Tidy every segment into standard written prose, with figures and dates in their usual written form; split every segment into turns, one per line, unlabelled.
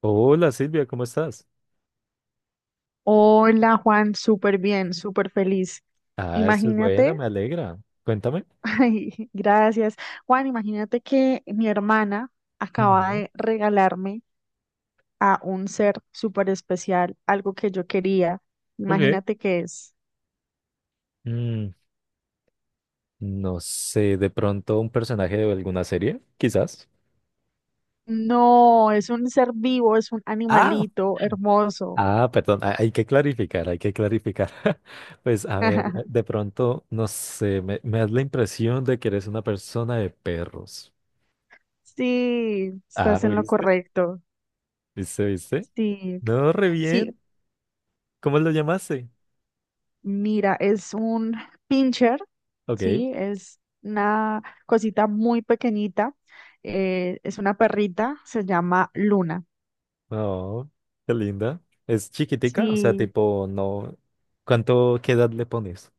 Hola Silvia, ¿cómo estás?
Hola Juan, súper bien, súper feliz.
Ah, eso es buena,
Imagínate,
me alegra. Cuéntame.
ay, gracias. Juan, imagínate que mi hermana acaba
Ujú.
de regalarme a un ser súper especial, algo que yo quería.
Ok.
Imagínate qué es.
Mm, no sé, de pronto un personaje de alguna serie, quizás.
No, es un ser vivo, es un
Ah,
animalito hermoso.
perdón, hay que clarificar, hay que clarificar. Pues a ver, de pronto, no sé, me das la impresión de que eres una persona de perros.
Sí,
Ah,
estás en lo
¿viste?
correcto.
¿Viste, viste?
Sí,
No, re
sí,
bien. ¿Cómo lo llamaste?
mira, es un pincher,
Ok.
¿sí? Es una cosita muy pequeñita. Es una perrita, se llama Luna.
Oh, qué linda. ¿Es chiquitica? O sea,
Sí,
tipo, no. ¿Qué edad le pones?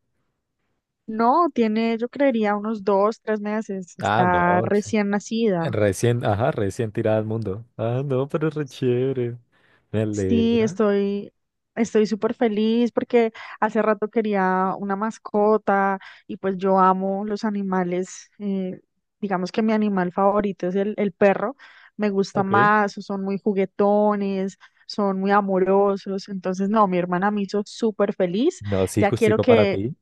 no, tiene, yo creería, unos dos, tres meses.
Ah,
Está
no.
recién nacida.
Recién, ajá, recién tirada al mundo. Ah, no, pero es re chévere. Me
Sí,
alegra.
estoy súper feliz porque hace rato quería una mascota y pues yo amo los animales. Digamos que mi animal favorito es el perro. Me gusta
Ok.
más, son muy juguetones, son muy amorosos. Entonces, no, mi hermana me hizo súper feliz.
No, sí,
Ya quiero
justico para
que,
ti.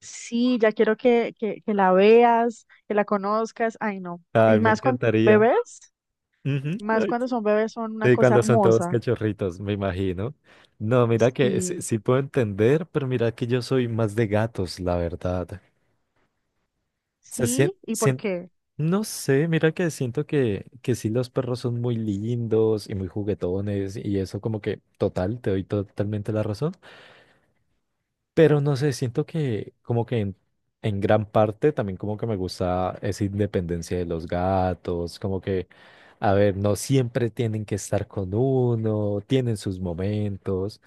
sí, ya quiero que la veas, que la conozcas. Ay, no.
Ay,
Y
me
más cuando son
encantaría.
bebés,
Ujú.
más
Ay,
cuando son bebés son una
sí,
cosa
cuando son todos
hermosa.
cachorritos, me imagino. No, mira que sí,
Sí.
sí puedo entender, pero mira que yo soy más de gatos, la verdad. Se
Sí, ¿y por
siente
qué?
No sé, mira que siento que, sí los perros son muy lindos y muy juguetones y eso como que total, te doy totalmente la razón, pero no sé, siento que como que en gran parte también como que me gusta esa independencia de los gatos, como que, a ver, no siempre tienen que estar con uno, tienen sus momentos.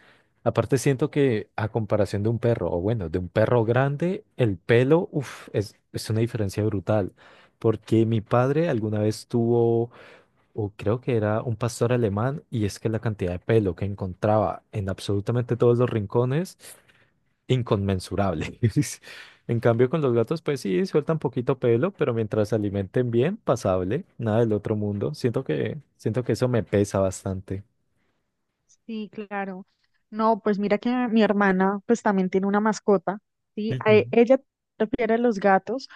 Aparte siento que a comparación de un perro, o bueno, de un perro grande, el pelo, uff, es una diferencia brutal. Porque mi padre alguna vez tuvo, o creo que era un pastor alemán, y es que la cantidad de pelo que encontraba en absolutamente todos los rincones, inconmensurable. En cambio, con los gatos, pues sí, sueltan poquito pelo, pero mientras se alimenten bien, pasable, nada del otro mundo. Siento que eso me pesa bastante.
Sí, claro. No, pues mira que mi hermana pues también tiene una mascota, ¿sí?
Ujú.
Ella prefiere los gatos.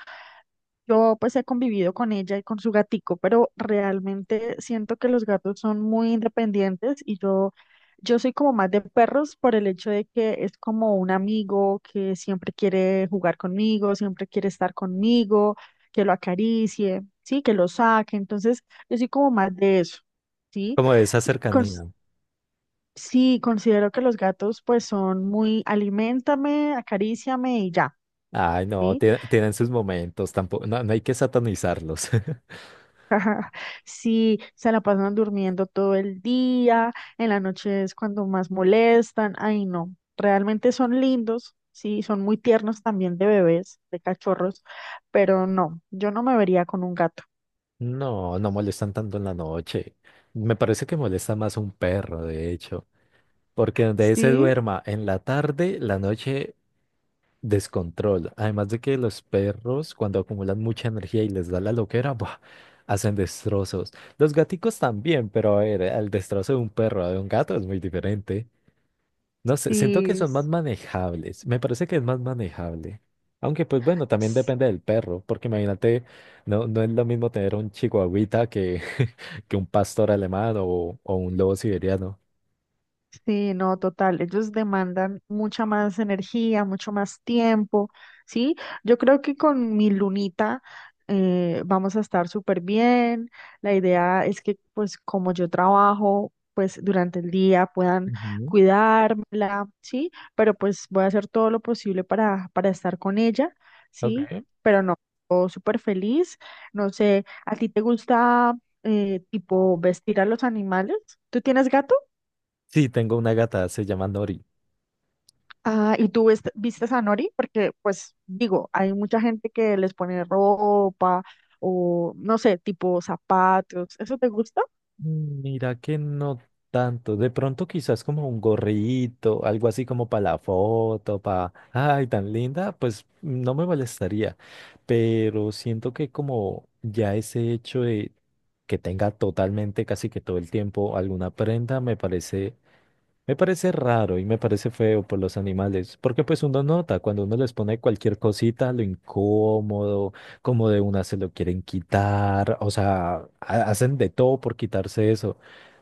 Yo pues he convivido con ella y con su gatico, pero realmente siento que los gatos son muy independientes yo soy como más de perros por el hecho de que es como un amigo que siempre quiere jugar conmigo, siempre quiere estar conmigo, que lo acaricie, sí, que lo saque. Entonces, yo soy como más de eso, ¿sí?
Como de esa
Cons-
cercanía.
sí, considero que los gatos pues son muy aliméntame, acaríciame y ya.
Ay, no,
¿Sí?
tienen sus momentos, tampoco, no, no hay que satanizarlos.
Si se la pasan durmiendo todo el día, en la noche es cuando más molestan, ay no, realmente son lindos, sí, son muy tiernos también de bebés, de cachorros, pero no, yo no me vería con un gato.
No, no molestan tanto en la noche. Me parece que molesta más un perro, de hecho, porque donde se
Sí,
duerma en la tarde, la noche. Descontrol. Además de que los perros, cuando acumulan mucha energía y les da la loquera, ¡buah! Hacen destrozos. Los gaticos también, pero a ver, el destrozo de un perro a de un gato es muy diferente. No sé, siento que
sí,
son más manejables. Me parece que es más manejable. Aunque, pues bueno, también depende del perro, porque imagínate, no, no es lo mismo tener un chihuahuita que, que un pastor alemán o, un lobo siberiano.
sí, no, total. Ellos demandan mucha más energía, mucho más tiempo, ¿sí? Yo creo que con mi lunita vamos a estar súper bien. La idea es que, pues, como yo trabajo, pues, durante el día puedan
Ujú.
cuidármela, ¿sí? Pero pues voy a hacer todo lo posible para estar con ella, ¿sí?
Ok.
Pero no, todo súper feliz. No sé, ¿a ti te gusta, tipo, vestir a los animales? ¿Tú tienes gato?
Sí, tengo una gata, se llama Nori.
Ah, ¿y tú vistes a Nori? Porque, pues, digo, hay mucha gente que les pone ropa o, no sé, tipo zapatos. ¿Eso te gusta?
Mira que no tanto. De pronto quizás como un gorrito, algo así como para la foto, ay, tan linda, pues no me molestaría. Pero siento que como ya ese hecho de que tenga totalmente casi que todo el tiempo alguna prenda, me parece raro y me parece feo por los animales, porque pues uno nota cuando uno les pone cualquier cosita, lo incómodo, como de una se lo quieren quitar, o sea, hacen de todo por quitarse eso.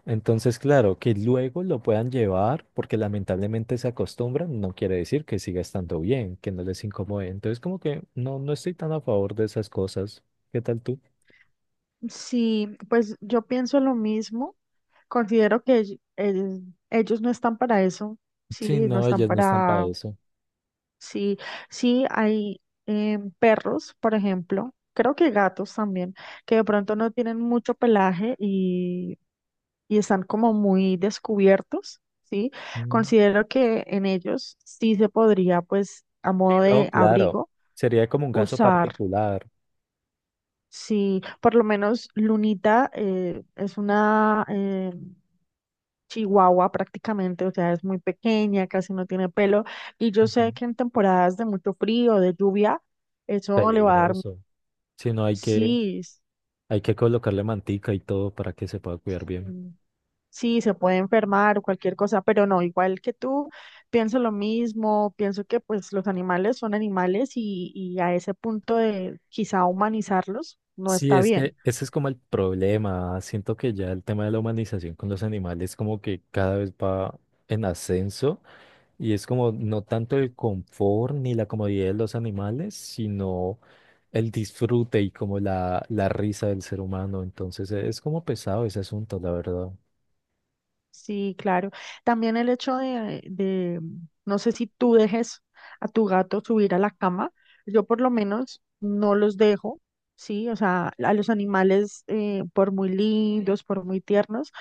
Entonces, claro, que luego lo puedan llevar, porque lamentablemente se acostumbran, no quiere decir que siga estando bien, que no les incomode. Entonces, como que no, no estoy tan a favor de esas cosas. ¿Qué tal tú?
Sí, pues yo pienso lo mismo. Considero que ellos no están para eso.
Sí,
Sí, no
no,
están
ellas no están para
para...
eso.
Sí, sí, hay perros, por ejemplo. Creo que gatos también, que de pronto no tienen mucho pelaje y están como muy descubiertos, ¿sí?
Mm.
Considero que en ellos sí se podría, pues, a
Sí,
modo
no,
de
claro.
abrigo,
Sería como un caso
usar,
particular.
sí, por lo menos Lunita es una chihuahua prácticamente, o sea, es muy pequeña, casi no tiene pelo, y yo sé
Ujú.
que en temporadas de mucho frío, de lluvia, eso le va a dar,
Peligroso. Si no, hay que,
sí.
hay que colocarle mantica y todo para que se pueda cuidar bien.
Sí, se puede enfermar o cualquier cosa, pero no, igual que tú, pienso lo mismo, pienso que pues los animales son animales y a ese punto de quizá humanizarlos no
Sí,
está
es
bien.
que ese es como el problema. Siento que ya el tema de la humanización con los animales como que cada vez va en ascenso y es como no tanto el confort ni la comodidad de los animales, sino el disfrute y como la, risa del ser humano. Entonces es como pesado ese asunto, la verdad.
Sí, claro. También el hecho no sé si tú dejes a tu gato subir a la cama, yo por lo menos no los dejo, sí, o sea, a los animales, por muy lindos, por muy tiernos,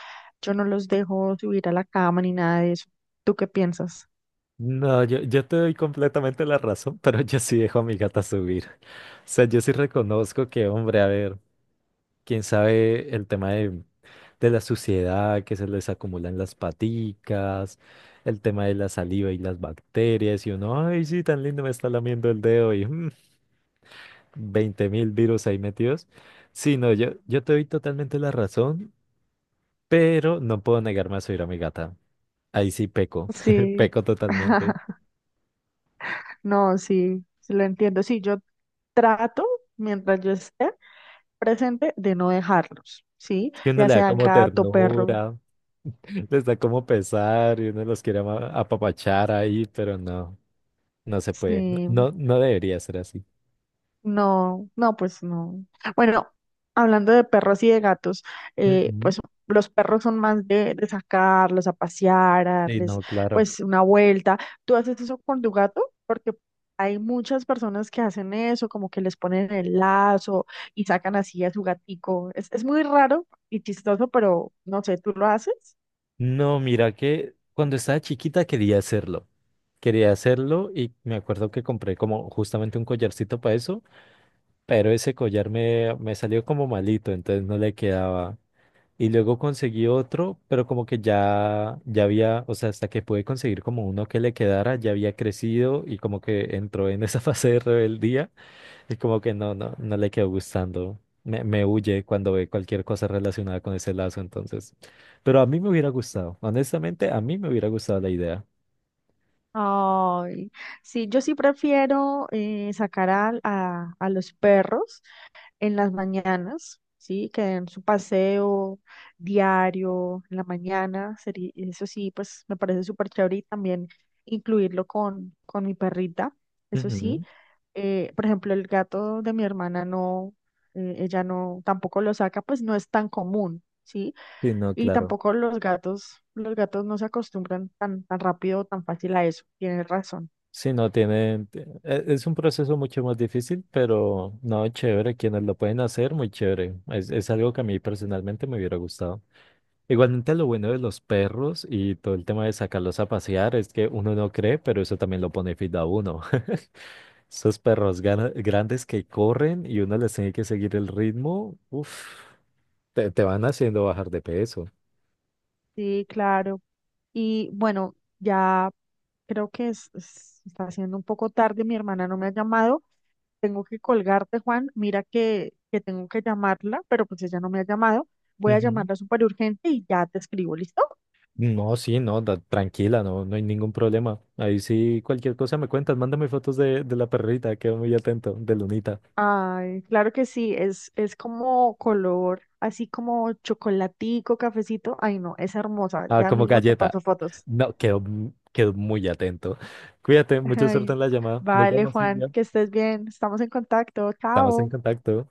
yo no los dejo subir a la cama ni nada de eso. ¿Tú qué piensas?
No, yo te doy completamente la razón, pero yo sí dejo a mi gata subir. O sea, yo sí reconozco que, hombre, a ver, quién sabe el tema de la suciedad que se les acumula en las paticas, el tema de la saliva y las bacterias, y uno, ay, sí, tan lindo me está lamiendo el dedo y 20.000 virus ahí metidos. Sí, no, yo te doy totalmente la razón, pero no puedo negarme a subir a mi gata. Ahí sí peco,
Sí,
peco totalmente.
no, sí, sí lo entiendo. Sí, yo trato, mientras yo esté presente, de no dejarlos, ¿sí?
Es que uno
Ya
le da
sea
como
gato, perro,
ternura. Les da como pesar y uno los quiere apapachar ahí, pero no, no se puede.
sí.
No, no debería ser así.
No, no, pues no. Bueno, hablando de perros y de gatos,
Ujú.
pues los perros son más de sacarlos a pasear, a
Y
darles
no, claro.
pues una vuelta. ¿Tú haces eso con tu gato? Porque hay muchas personas que hacen eso, como que les ponen el lazo y sacan así a su gatico. Es muy raro y chistoso, pero no sé, ¿tú lo haces?
No, mira que cuando estaba chiquita quería hacerlo. Quería hacerlo y me acuerdo que compré como justamente un collarcito para eso, pero ese collar me, salió como malito, entonces no le quedaba. Y luego conseguí otro, pero como que ya había, o sea, hasta que pude conseguir como uno que le quedara, ya había crecido y como que entró en esa fase de rebeldía y como que no, no, no le quedó gustando. Me huye cuando ve cualquier cosa relacionada con ese lazo, entonces. Pero a mí me hubiera gustado, honestamente, a mí me hubiera gustado la idea.
Ay, sí, yo sí prefiero sacar a los perros en las mañanas, ¿sí? Que den su paseo diario en la mañana, sería, eso sí, pues me parece súper chévere y también incluirlo con mi perrita, eso sí.
Ujú.
Por ejemplo, el gato de mi hermana no, ella no, tampoco lo saca, pues no es tan común, ¿sí?
Sí, no,
Y
claro.
tampoco los gatos, los gatos no se acostumbran tan, tan rápido o tan fácil a eso, tienes razón.
Sí, no es un proceso mucho más difícil, pero no, chévere, quienes lo pueden hacer, muy chévere. Es algo que a mí personalmente me hubiera gustado. Igualmente lo bueno de los perros y todo el tema de sacarlos a pasear es que uno no cree, pero eso también lo pone fit a uno. Esos perros grandes que corren y uno les tiene que seguir el ritmo, uff, te, van haciendo bajar de peso.
Sí, claro. Y bueno, ya creo que está haciendo un poco tarde, mi hermana no me ha llamado. Tengo que colgarte, Juan. Mira que tengo que llamarla, pero pues ella no me ha llamado. Voy a
Ujú.
llamarla súper urgente y ya te escribo, ¿listo?
No, sí, no, tranquila, no, no hay ningún problema. Ahí sí, cualquier cosa me cuentas, mándame fotos de la perrita, quedo muy atento, de Lunita.
Ay, claro que sí, es como color, así como chocolatico, cafecito. Ay, no, es hermosa.
Ah,
Ya
como
mismo te
galleta.
paso fotos.
No, quedo, quedo muy atento. Cuídate, mucha suerte
Ay,
en la llamada. Nos
vale,
vemos,
Juan,
Silvia.
que estés bien. Estamos en contacto.
Estamos en
Chao.
contacto.